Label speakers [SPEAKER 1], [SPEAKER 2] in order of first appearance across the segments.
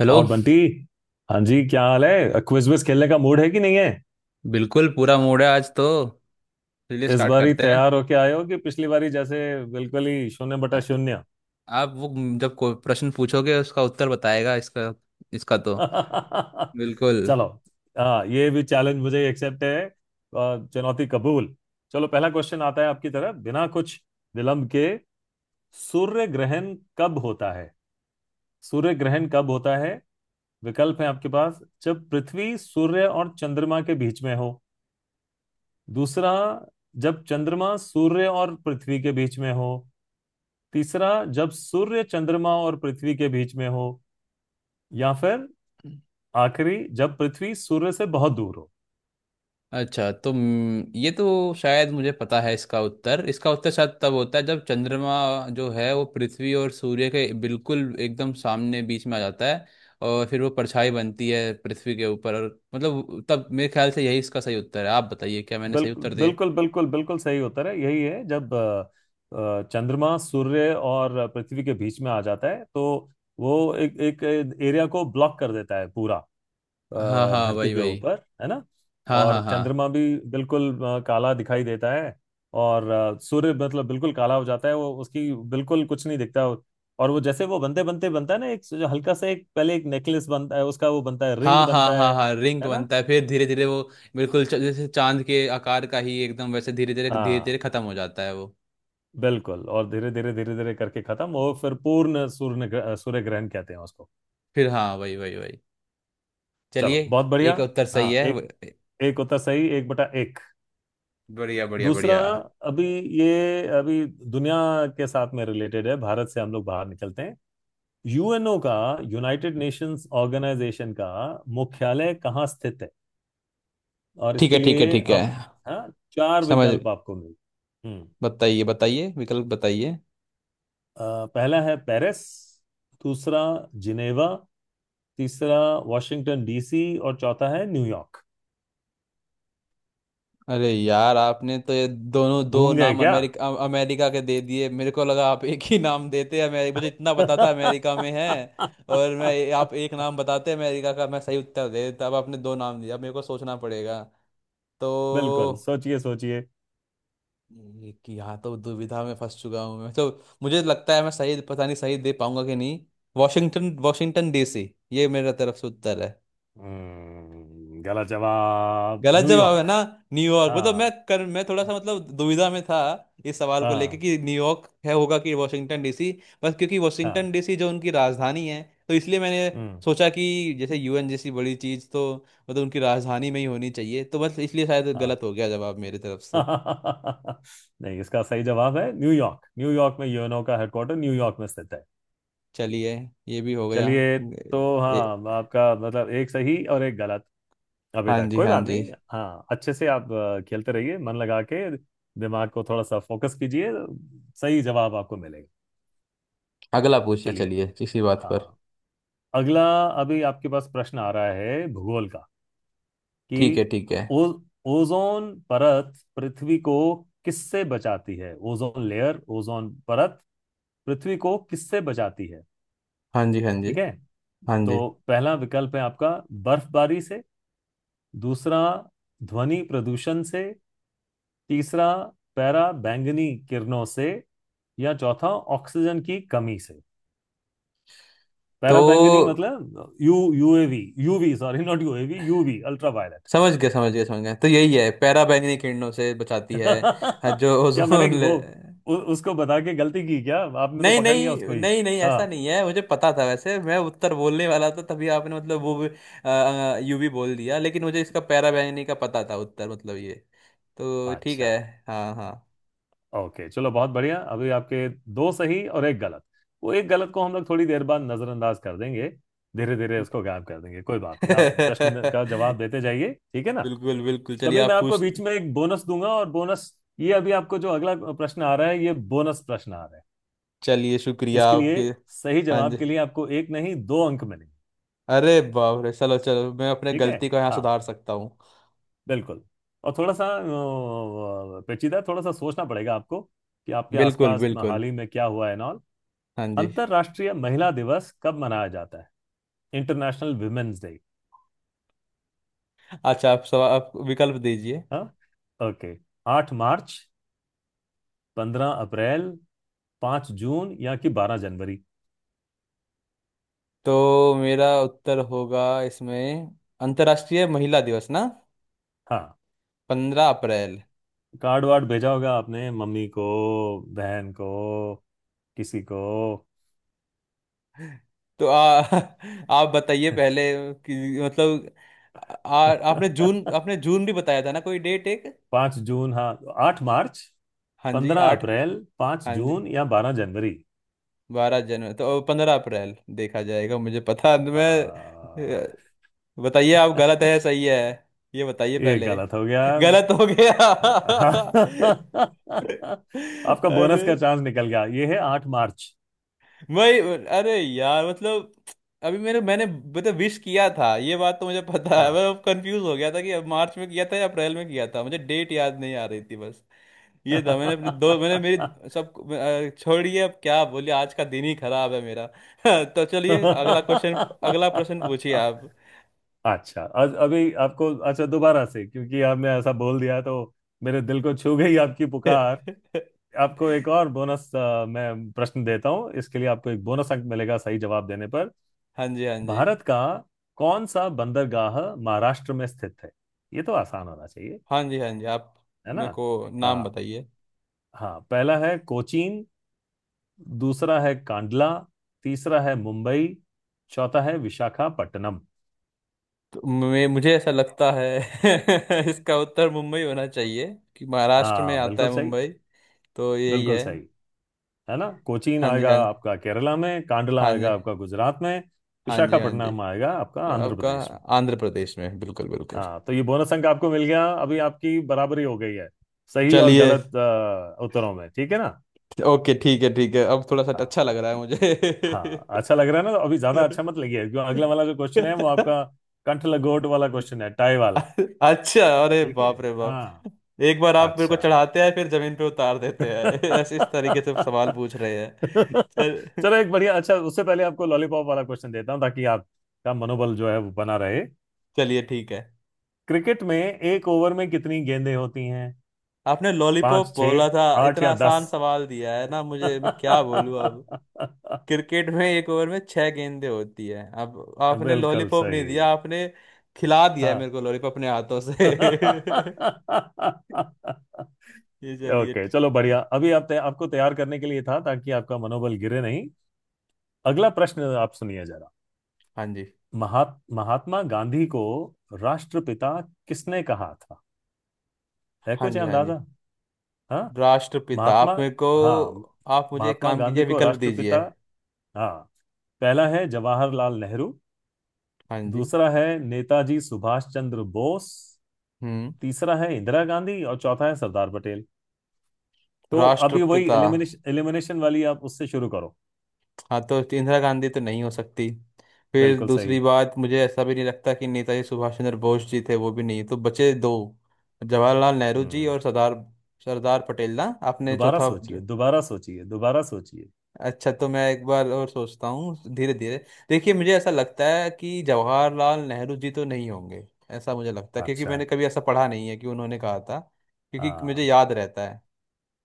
[SPEAKER 1] Hello.
[SPEAKER 2] और बंटी। हाँ जी, क्या हाल है? क्विज विज खेलने का मूड है कि नहीं है?
[SPEAKER 1] बिल्कुल पूरा मूड है आज तो। चलिए
[SPEAKER 2] इस
[SPEAKER 1] स्टार्ट
[SPEAKER 2] बार ही
[SPEAKER 1] करते हैं।
[SPEAKER 2] तैयार होके आए हो कि पिछली बारी जैसे बिल्कुल ही शून्य
[SPEAKER 1] आ-
[SPEAKER 2] बटा शून्य?
[SPEAKER 1] आप वो जब कोई प्रश्न पूछोगे उसका उत्तर बताएगा इसका इसका तो। बिल्कुल।
[SPEAKER 2] चलो, हाँ ये भी चैलेंज मुझे एक्सेप्ट है। चुनौती कबूल। चलो पहला क्वेश्चन आता है आपकी तरफ बिना कुछ विलंब के। सूर्य ग्रहण कब होता है? सूर्य ग्रहण कब होता है? विकल्प है आपके पास। जब पृथ्वी, सूर्य और चंद्रमा के बीच में हो। दूसरा, जब चंद्रमा, सूर्य और पृथ्वी के बीच में हो। तीसरा, जब सूर्य, चंद्रमा और पृथ्वी के बीच में हो। या फिर आखिरी, जब पृथ्वी सूर्य से बहुत दूर हो।
[SPEAKER 1] अच्छा तो ये तो शायद मुझे पता है इसका उत्तर शायद तब होता है जब चंद्रमा जो है वो पृथ्वी और सूर्य के बिल्कुल एकदम सामने बीच में आ जाता है और फिर वो परछाई बनती है पृथ्वी के ऊपर। और मतलब तब मेरे ख्याल से यही इसका सही उत्तर है। आप बताइए क्या मैंने सही
[SPEAKER 2] बिल्कुल
[SPEAKER 1] उत्तर दिए?
[SPEAKER 2] बिल्कुल बिल्कुल बिल्कुल सही उत्तर है। यही है, जब चंद्रमा, सूर्य और पृथ्वी के बीच में आ जाता है तो वो एक एक एरिया को ब्लॉक कर देता है पूरा,
[SPEAKER 1] हाँ, हाँ,
[SPEAKER 2] धरती
[SPEAKER 1] वही,
[SPEAKER 2] के
[SPEAKER 1] वही।
[SPEAKER 2] ऊपर। है ना?
[SPEAKER 1] हाँ,
[SPEAKER 2] और
[SPEAKER 1] हाँ, हाँ।
[SPEAKER 2] चंद्रमा भी बिल्कुल काला दिखाई देता है, और सूर्य मतलब बिल्कुल काला हो जाता है वो, उसकी बिल्कुल कुछ नहीं दिखता। और वो जैसे वो बनते बनते बनता है ना, एक जो हल्का सा, एक पहले एक नेकलेस बनता है उसका, वो बनता है, रिंग
[SPEAKER 1] हाँ, हाँ,
[SPEAKER 2] बनता
[SPEAKER 1] हाँ,
[SPEAKER 2] है।
[SPEAKER 1] हाँ, रिंग
[SPEAKER 2] है ना?
[SPEAKER 1] बनता है फिर धीरे धीरे वो बिल्कुल जैसे चांद के आकार का ही एकदम वैसे धीरे धीरे धीरे
[SPEAKER 2] हाँ,
[SPEAKER 1] धीरे खत्म हो जाता है वो।
[SPEAKER 2] बिल्कुल। और धीरे धीरे धीरे धीरे करके खत्म, और फिर पूर्ण सूर्य सूर्य ग्रहण कहते हैं उसको।
[SPEAKER 1] फिर हाँ, वही, वही, वही। चलिए।
[SPEAKER 2] चलो, बहुत बढ़िया।
[SPEAKER 1] एक उत्तर सही
[SPEAKER 2] हाँ
[SPEAKER 1] है।
[SPEAKER 2] एक, एक उत्तर सही। एक बटा एक।
[SPEAKER 1] बढ़िया, बढ़िया,
[SPEAKER 2] दूसरा।
[SPEAKER 1] बढ़िया।
[SPEAKER 2] अभी ये अभी दुनिया के साथ में रिलेटेड है। भारत से हम लोग बाहर निकलते हैं। यूएनओ का, यूनाइटेड नेशंस ऑर्गेनाइजेशन का मुख्यालय कहाँ स्थित है? और
[SPEAKER 1] ठीक है,
[SPEAKER 2] इसके
[SPEAKER 1] ठीक है,
[SPEAKER 2] लिए
[SPEAKER 1] ठीक है।
[SPEAKER 2] आप, हाँ, चार
[SPEAKER 1] समझ।
[SPEAKER 2] विकल्प आपको मिल। हम्म।
[SPEAKER 1] बताइए, बताइए, विकल्प बताइए।
[SPEAKER 2] पहला है पेरिस। दूसरा, जिनेवा। तीसरा, वाशिंगटन डीसी। और चौथा है न्यूयॉर्क।
[SPEAKER 1] अरे यार, आपने तो ये दोनों दो
[SPEAKER 2] घूम गए
[SPEAKER 1] नाम
[SPEAKER 2] क्या?
[SPEAKER 1] अमेरिका, अमेरिका के दे दिए। मेरे को लगा आप एक ही नाम देते अमेरिका। मुझे इतना पता था अमेरिका में है। और मैं, आप एक नाम बताते अमेरिका का, मैं सही उत्तर दे देता। अब आपने दो नाम दिया, अब मेरे को सोचना पड़ेगा
[SPEAKER 2] बिल्कुल,
[SPEAKER 1] तो।
[SPEAKER 2] सोचिए सोचिए।
[SPEAKER 1] एक यहाँ तो दुविधा में फंस चुका हूँ मैं तो। मुझे लगता है मैं सही, पता नहीं सही दे पाऊंगा कि नहीं। वॉशिंगटन वॉशिंगटन डीसी, ये मेरा तरफ से उत्तर है।
[SPEAKER 2] गलत जवाब।
[SPEAKER 1] गलत जवाब है
[SPEAKER 2] न्यूयॉर्क।
[SPEAKER 1] ना? न्यूयॉर्क, मतलब मैं
[SPEAKER 2] हाँ
[SPEAKER 1] कर मैं थोड़ा सा मतलब दुविधा में था इस सवाल को लेके
[SPEAKER 2] हाँ
[SPEAKER 1] कि न्यूयॉर्क है होगा कि वॉशिंगटन डीसी। बस क्योंकि वॉशिंगटन
[SPEAKER 2] हाँ।
[SPEAKER 1] डीसी जो उनकी राजधानी है, तो इसलिए मैंने
[SPEAKER 2] हम्म।
[SPEAKER 1] सोचा कि जैसे यूएन जैसी बड़ी चीज़ तो मतलब उनकी राजधानी में ही होनी चाहिए, तो बस इसलिए शायद
[SPEAKER 2] हाँ।
[SPEAKER 1] गलत हो गया जवाब मेरी तरफ से।
[SPEAKER 2] नहीं, इसका सही जवाब है न्यूयॉर्क। न्यूयॉर्क में यूएनओ का हेडक्वार्टर, न्यूयॉर्क में स्थित है।
[SPEAKER 1] चलिए, ये भी हो गया।
[SPEAKER 2] चलिए। तो
[SPEAKER 1] ए,
[SPEAKER 2] हाँ, आपका मतलब एक सही और एक गलत। अभी
[SPEAKER 1] हाँ
[SPEAKER 2] तक
[SPEAKER 1] जी,
[SPEAKER 2] कोई
[SPEAKER 1] हाँ
[SPEAKER 2] बात
[SPEAKER 1] जी।
[SPEAKER 2] नहीं। हाँ अच्छे से आप खेलते रहिए मन लगा के। दिमाग को थोड़ा सा फोकस कीजिए, सही जवाब आपको मिलेगा।
[SPEAKER 1] अगला पूछिए,
[SPEAKER 2] चलिए।
[SPEAKER 1] चलिए इसी बात पर।
[SPEAKER 2] हाँ, अगला। अभी आपके पास प्रश्न आ रहा है भूगोल का,
[SPEAKER 1] ठीक है,
[SPEAKER 2] कि
[SPEAKER 1] ठीक है।
[SPEAKER 2] ओ, ओजोन परत पृथ्वी को किससे बचाती है? ओजोन लेयर, ओजोन परत पृथ्वी को किससे बचाती है?
[SPEAKER 1] हाँ जी, हाँ जी,
[SPEAKER 2] ठीक है।
[SPEAKER 1] हाँ
[SPEAKER 2] तो
[SPEAKER 1] जी।
[SPEAKER 2] पहला विकल्प है आपका, बर्फबारी से। दूसरा, ध्वनि प्रदूषण से। तीसरा, पैरा बैंगनी किरणों से। या चौथा, ऑक्सीजन की कमी से। पैरा बैंगनी
[SPEAKER 1] तो
[SPEAKER 2] मतलब U, UAV, UV, sorry, not UAV, UV, ultraviolet.
[SPEAKER 1] समझ गया, समझ गया, समझ गया। तो यही है, पैरा बैंगनी किरणों से बचाती है। हाँ, जो
[SPEAKER 2] क्या मैंने
[SPEAKER 1] ओजोन ले।
[SPEAKER 2] वो उसको बता के गलती की क्या? आपने तो
[SPEAKER 1] नहीं,
[SPEAKER 2] पकड़ लिया उसको
[SPEAKER 1] नहीं,
[SPEAKER 2] ही।
[SPEAKER 1] नहीं, नहीं,
[SPEAKER 2] हाँ।
[SPEAKER 1] ऐसा नहीं है। मुझे पता था, वैसे मैं उत्तर बोलने वाला था तभी आपने मतलब वो यूवी बोल दिया, लेकिन मुझे इसका पैरा बैंगनी का पता था उत्तर, मतलब ये। तो ठीक
[SPEAKER 2] अच्छा,
[SPEAKER 1] है। हाँ, हाँ।
[SPEAKER 2] ओके। चलो बहुत बढ़िया। अभी आपके दो सही और एक गलत। वो एक गलत को हम लोग थोड़ी देर बाद नजरअंदाज कर देंगे, धीरे धीरे उसको गायब कर देंगे। कोई बात नहीं, आप प्रश्न का जवाब देते जाइए, ठीक है ना?
[SPEAKER 1] बिल्कुल, बिल्कुल, चलिए
[SPEAKER 2] कभी मैं
[SPEAKER 1] आप
[SPEAKER 2] आपको
[SPEAKER 1] पूछ।
[SPEAKER 2] बीच में एक बोनस दूंगा। और बोनस, ये अभी आपको जो अगला प्रश्न आ रहा है, ये बोनस प्रश्न आ रहा है।
[SPEAKER 1] चलिए, शुक्रिया
[SPEAKER 2] इसके लिए,
[SPEAKER 1] आपके।
[SPEAKER 2] सही
[SPEAKER 1] हाँ जी।
[SPEAKER 2] जवाब के लिए आपको एक नहीं, दो अंक मिलेंगे।
[SPEAKER 1] अरे बाप रे, चलो, चलो, मैं अपने
[SPEAKER 2] ठीक है।
[SPEAKER 1] गलती को यहाँ
[SPEAKER 2] हाँ,
[SPEAKER 1] सुधार सकता हूँ।
[SPEAKER 2] बिल्कुल। और थोड़ा सा पेचीदा, थोड़ा सा सोचना पड़ेगा आपको, कि आपके
[SPEAKER 1] बिल्कुल,
[SPEAKER 2] आसपास में
[SPEAKER 1] बिल्कुल।
[SPEAKER 2] हाल ही में क्या हुआ है, नॉल।
[SPEAKER 1] हाँ जी।
[SPEAKER 2] अंतर्राष्ट्रीय महिला दिवस कब मनाया जाता है? International women's day.
[SPEAKER 1] अच्छा, आप विकल्प दीजिए।
[SPEAKER 2] हाँ। ओके। 8 मार्च, 15 अप्रैल, 5 जून, या कि 12 जनवरी?
[SPEAKER 1] तो मेरा उत्तर होगा इसमें, अंतर्राष्ट्रीय महिला दिवस ना,
[SPEAKER 2] हाँ,
[SPEAKER 1] 15 अप्रैल।
[SPEAKER 2] कार्ड वार्ड भेजा होगा आपने मम्मी को, बहन को, किसी को?
[SPEAKER 1] तो आप बताइए पहले कि मतलब, आपने जून आपने जून भी बताया था ना कोई डेट एक।
[SPEAKER 2] 5 जून, हाँ। 8 मार्च,
[SPEAKER 1] हाँ जी,
[SPEAKER 2] पंद्रह
[SPEAKER 1] आठ।
[SPEAKER 2] अप्रैल, पाँच
[SPEAKER 1] हाँ जी,
[SPEAKER 2] जून या 12 जनवरी।
[SPEAKER 1] 12 जनवरी तो 15 अप्रैल, देखा जाएगा, मुझे पता,
[SPEAKER 2] आ,
[SPEAKER 1] मैं। अ, बताइए आप, गलत है या सही है। ये बताइए
[SPEAKER 2] ये
[SPEAKER 1] पहले।
[SPEAKER 2] गलत हो गया।
[SPEAKER 1] गलत हो गया।
[SPEAKER 2] हाँ। आपका बोनस
[SPEAKER 1] अरे,
[SPEAKER 2] का चांस निकल गया। ये है 8 मार्च।
[SPEAKER 1] वही। अरे यार, मतलब, अभी मेरे मैंने मतलब विश किया था, ये बात तो मुझे पता है।
[SPEAKER 2] हाँ।
[SPEAKER 1] मैं कंफ्यूज हो गया था कि अब मार्च में किया था या अप्रैल में किया था, मुझे डेट याद नहीं आ रही थी बस। ये था, मैंने अपनी दो, मैंने मेरी सब, छोड़िए। अब क्या बोलिए, आज का दिन ही खराब है मेरा। तो चलिए अगला क्वेश्चन, अगला प्रश्न पूछिए आप।
[SPEAKER 2] अच्छा अभी आपको, अच्छा, दोबारा से, क्योंकि आपने ऐसा बोल दिया तो मेरे दिल को छू गई आपकी
[SPEAKER 1] हाँ
[SPEAKER 2] पुकार। आपको एक और बोनस मैं प्रश्न देता हूँ, इसके लिए आपको एक बोनस अंक मिलेगा सही जवाब देने पर।
[SPEAKER 1] जी, हाँ जी,
[SPEAKER 2] भारत का कौन सा बंदरगाह महाराष्ट्र में स्थित है? ये तो आसान होना चाहिए,
[SPEAKER 1] हाँ जी, हाँ जी। आप
[SPEAKER 2] है ना?
[SPEAKER 1] मेरे को नाम
[SPEAKER 2] हाँ,
[SPEAKER 1] बताइए।
[SPEAKER 2] हाँ। पहला है कोचीन। दूसरा है कांडला। तीसरा है मुंबई। चौथा है विशाखापट्टनम।
[SPEAKER 1] तो मैं मुझे ऐसा लगता है, इसका उत्तर मुंबई होना चाहिए कि महाराष्ट्र में
[SPEAKER 2] हाँ,
[SPEAKER 1] आता
[SPEAKER 2] बिल्कुल
[SPEAKER 1] है
[SPEAKER 2] सही।
[SPEAKER 1] मुंबई। तो यही
[SPEAKER 2] बिल्कुल
[SPEAKER 1] है।
[SPEAKER 2] सही। है ना, कोचीन
[SPEAKER 1] हाँ जी,
[SPEAKER 2] आएगा
[SPEAKER 1] हाँ जी,
[SPEAKER 2] आपका केरला में, कांडला
[SPEAKER 1] हाँ जी,
[SPEAKER 2] आएगा आपका गुजरात में,
[SPEAKER 1] हाँ जी, हाँ जी।
[SPEAKER 2] विशाखापट्टनम आएगा आपका आंध्र
[SPEAKER 1] आपका
[SPEAKER 2] प्रदेश में।
[SPEAKER 1] आंध्र प्रदेश में, बिल्कुल, बिल्कुल।
[SPEAKER 2] हाँ, तो ये बोनस अंक आपको मिल गया। अभी आपकी बराबरी हो गई है सही और
[SPEAKER 1] चलिए।
[SPEAKER 2] गलत उत्तरों में। ठीक है ना?
[SPEAKER 1] ओके, ठीक है, ठीक है, अब थोड़ा सा
[SPEAKER 2] हाँ।
[SPEAKER 1] अच्छा लग रहा है मुझे।
[SPEAKER 2] हाँ अच्छा लग रहा है ना? तो अभी ज्यादा अच्छा मत लगिए, क्यों, अगला वाला जो क्वेश्चन है वो आपका कंठ लंगोट वाला क्वेश्चन है, टाई वाला।
[SPEAKER 1] अच्छा, अरे
[SPEAKER 2] ठीक है।
[SPEAKER 1] बाप रे बाप।
[SPEAKER 2] हाँ,
[SPEAKER 1] एक बार आप मेरे को
[SPEAKER 2] अच्छा।
[SPEAKER 1] चढ़ाते हैं फिर जमीन पे उतार देते हैं, ऐसे इस तरीके से सवाल पूछ रहे हैं। चल
[SPEAKER 2] चलो एक बढ़िया, अच्छा, उससे पहले आपको लॉलीपॉप वाला क्वेश्चन देता हूँ ताकि आपका मनोबल जो है वो बना रहे।
[SPEAKER 1] चलिए, ठीक है।
[SPEAKER 2] क्रिकेट में एक ओवर में कितनी गेंदें होती हैं?
[SPEAKER 1] आपने लॉलीपॉप
[SPEAKER 2] पांच, छह,
[SPEAKER 1] बोला था,
[SPEAKER 2] आठ,
[SPEAKER 1] इतना
[SPEAKER 2] या 10?
[SPEAKER 1] आसान सवाल दिया है ना मुझे, मैं क्या बोलूं अब। क्रिकेट में एक ओवर में छह गेंदें होती है। अब आपने
[SPEAKER 2] बिल्कुल
[SPEAKER 1] लॉलीपॉप नहीं
[SPEAKER 2] सही।
[SPEAKER 1] दिया, आपने खिला दिया है मेरे
[SPEAKER 2] हाँ।
[SPEAKER 1] को लॉलीपॉप अपने हाथों से। ये चलिए
[SPEAKER 2] ओके,
[SPEAKER 1] ठीक-
[SPEAKER 2] चलो बढ़िया। अभी आप आपको तैयार करने के लिए था ताकि आपका मनोबल गिरे नहीं। अगला प्रश्न आप सुनिए जरा।
[SPEAKER 1] हाँ जी,
[SPEAKER 2] महात्मा गांधी को राष्ट्रपिता किसने कहा था? है
[SPEAKER 1] हाँ
[SPEAKER 2] कुछ
[SPEAKER 1] जी, हाँ जी।
[SPEAKER 2] अंदाजा? हाँ।
[SPEAKER 1] राष्ट्रपिता,
[SPEAKER 2] महात्मा,
[SPEAKER 1] आप मेरे को।
[SPEAKER 2] हाँ,
[SPEAKER 1] आप मुझे एक
[SPEAKER 2] महात्मा
[SPEAKER 1] काम कीजिए,
[SPEAKER 2] गांधी को
[SPEAKER 1] विकल्प
[SPEAKER 2] राष्ट्रपिता।
[SPEAKER 1] दीजिए।
[SPEAKER 2] हाँ, पहला है जवाहरलाल नेहरू।
[SPEAKER 1] हाँ जी।
[SPEAKER 2] दूसरा है नेताजी सुभाष चंद्र बोस।
[SPEAKER 1] हम्म।
[SPEAKER 2] तीसरा है इंदिरा गांधी। और चौथा है सरदार पटेल। तो अभी वही
[SPEAKER 1] राष्ट्रपिता।
[SPEAKER 2] एलिमिनेशन एलिमिनेशन वाली आप उससे शुरू करो।
[SPEAKER 1] हाँ, तो इंदिरा गांधी तो नहीं हो सकती। फिर
[SPEAKER 2] बिल्कुल
[SPEAKER 1] दूसरी
[SPEAKER 2] सही।
[SPEAKER 1] बात, मुझे ऐसा भी नहीं लगता कि नेताजी सुभाष चंद्र बोस जी थे। वो भी नहीं, तो बचे दो, जवाहरलाल नेहरू जी
[SPEAKER 2] हम्म।
[SPEAKER 1] और सरदार सरदार पटेल ना। आपने
[SPEAKER 2] दोबारा
[SPEAKER 1] चौथा।
[SPEAKER 2] सोचिए, दोबारा सोचिए, दोबारा सोचिए।
[SPEAKER 1] अच्छा, तो मैं एक बार और सोचता हूँ धीरे धीरे। देखिए, मुझे ऐसा लगता है कि जवाहरलाल नेहरू जी तो नहीं होंगे, ऐसा मुझे लगता है, क्योंकि
[SPEAKER 2] अच्छा,
[SPEAKER 1] मैंने कभी ऐसा पढ़ा नहीं है कि उन्होंने कहा था, क्योंकि मुझे
[SPEAKER 2] हाँ।
[SPEAKER 1] याद रहता है।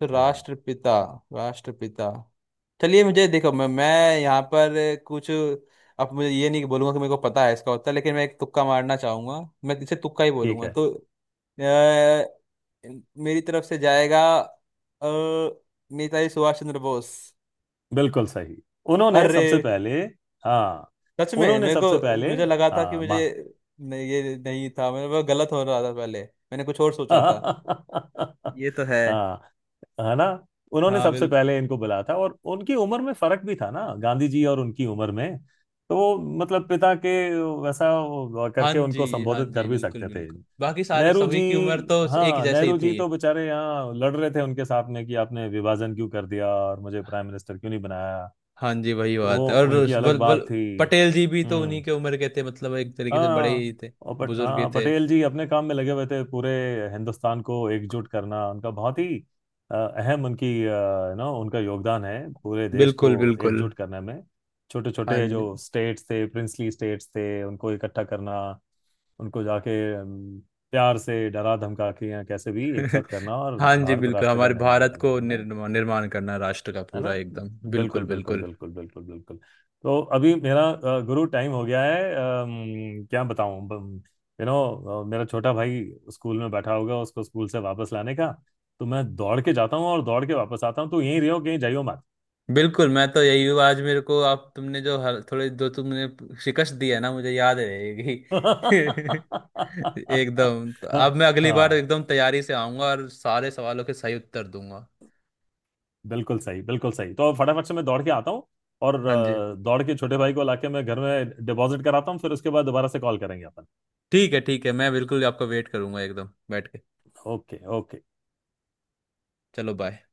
[SPEAKER 1] तो
[SPEAKER 2] हम्म।
[SPEAKER 1] राष्ट्रपिता, राष्ट्रपिता, चलिए मुझे देखो, मैं यहाँ पर कुछ, अब मुझे ये नहीं बोलूंगा कि मेरे को पता है इसका उत्तर, लेकिन मैं एक तुक्का मारना चाहूंगा। मैं इसे तुक्का ही
[SPEAKER 2] ठीक
[SPEAKER 1] बोलूंगा।
[SPEAKER 2] है।
[SPEAKER 1] तो अ, मेरी तरफ से जाएगा अ, नेताजी सुभाष चंद्र बोस।
[SPEAKER 2] बिल्कुल सही। उन्होंने
[SPEAKER 1] अरे,
[SPEAKER 2] सबसे पहले, हाँ,
[SPEAKER 1] सच में
[SPEAKER 2] उन्होंने
[SPEAKER 1] मेरे
[SPEAKER 2] सबसे
[SPEAKER 1] को
[SPEAKER 2] पहले,
[SPEAKER 1] मुझे लगा था कि
[SPEAKER 2] हाँ
[SPEAKER 1] मुझे,
[SPEAKER 2] माँ।
[SPEAKER 1] नहीं, ये नहीं था मेरे को, गलत हो रहा था, पहले मैंने कुछ और सोचा था।
[SPEAKER 2] हाँ।
[SPEAKER 1] ये तो है।
[SPEAKER 2] है ना? उन्होंने
[SPEAKER 1] हाँ,
[SPEAKER 2] सबसे पहले इनको बुलाया था। और उनकी उम्र में फर्क भी था ना, गांधी जी और उनकी उम्र में, तो वो, मतलब पिता के वैसा वो
[SPEAKER 1] हाँ
[SPEAKER 2] करके
[SPEAKER 1] जी,
[SPEAKER 2] उनको
[SPEAKER 1] हाँ
[SPEAKER 2] संबोधित
[SPEAKER 1] जी,
[SPEAKER 2] कर भी
[SPEAKER 1] बिल्कुल,
[SPEAKER 2] सकते थे।
[SPEAKER 1] बिल्कुल, बाकी सारे
[SPEAKER 2] नेहरू जी,
[SPEAKER 1] सभी की उम्र तो एक
[SPEAKER 2] हाँ
[SPEAKER 1] जैसे ही
[SPEAKER 2] नेहरू जी
[SPEAKER 1] थी।
[SPEAKER 2] तो बेचारे यहाँ लड़ रहे थे उनके साथ में कि आपने विभाजन क्यों कर दिया और मुझे प्राइम मिनिस्टर क्यों नहीं बनाया,
[SPEAKER 1] हाँ जी, वही
[SPEAKER 2] तो
[SPEAKER 1] बात
[SPEAKER 2] वो
[SPEAKER 1] है। और
[SPEAKER 2] उनकी
[SPEAKER 1] उस बल,
[SPEAKER 2] अलग
[SPEAKER 1] बल,
[SPEAKER 2] बात थी।
[SPEAKER 1] पटेल जी भी तो उन्हीं
[SPEAKER 2] हम्म।
[SPEAKER 1] के उम्र के थे, मतलब एक तरीके से बड़े
[SPEAKER 2] हाँ
[SPEAKER 1] ही थे,
[SPEAKER 2] और पट
[SPEAKER 1] बुजुर्ग ही
[SPEAKER 2] हाँ,
[SPEAKER 1] थे।
[SPEAKER 2] पटेल जी अपने काम में लगे हुए थे, पूरे हिंदुस्तान को एकजुट करना। उनका बहुत ही अहम, उनकी यू नो, उनका योगदान है पूरे देश को
[SPEAKER 1] बिल्कुल, बिल्कुल।
[SPEAKER 2] एकजुट करने में। छोटे
[SPEAKER 1] हाँ
[SPEAKER 2] छोटे
[SPEAKER 1] जी।
[SPEAKER 2] जो स्टेट्स थे, प्रिंसली स्टेट्स थे, उनको इकट्ठा करना, उनको जाके प्यार से, डरा धमका के, या कैसे भी एक साथ करना, और
[SPEAKER 1] हाँ जी,
[SPEAKER 2] भारत
[SPEAKER 1] बिल्कुल,
[SPEAKER 2] राष्ट्र का
[SPEAKER 1] हमारे
[SPEAKER 2] निर्माण
[SPEAKER 1] भारत
[SPEAKER 2] करना
[SPEAKER 1] को
[SPEAKER 2] है।
[SPEAKER 1] निर्माण करना राष्ट्र का
[SPEAKER 2] है ना?
[SPEAKER 1] पूरा, एकदम बिल्कुल,
[SPEAKER 2] बिल्कुल बिल्कुल
[SPEAKER 1] बिल्कुल,
[SPEAKER 2] बिल्कुल बिल्कुल बिल्कुल। तो अभी मेरा गुरु टाइम हो गया है। क्या बताऊं, यू नो, मेरा छोटा भाई स्कूल में बैठा होगा, उसको स्कूल से वापस लाने का, तो मैं दौड़ के जाता हूँ और दौड़ के वापस आता हूँ, तो यहीं रहो, कहीं जाइयो मत।
[SPEAKER 1] बिल्कुल। मैं तो यही हूँ। आज मेरे को आप तुमने जो थोड़े जो तुमने शिकस्त दी है ना, मुझे याद रहेगी।
[SPEAKER 2] हाँ।
[SPEAKER 1] एकदम, तो अब मैं अगली बार
[SPEAKER 2] हाँ,
[SPEAKER 1] एकदम तैयारी से आऊंगा और सारे सवालों के सही उत्तर दूंगा।
[SPEAKER 2] बिल्कुल सही, बिल्कुल सही। तो फटाफट से मैं दौड़ के आता हूँ, और
[SPEAKER 1] हाँ जी।
[SPEAKER 2] दौड़ के छोटे भाई को लाके मैं घर में डिपॉजिट कराता हूँ, फिर उसके बाद दोबारा से कॉल करेंगे अपन।
[SPEAKER 1] ठीक है, ठीक है, मैं बिल्कुल आपका वेट करूंगा एकदम बैठ के।
[SPEAKER 2] Okay, okay.
[SPEAKER 1] चलो बाय।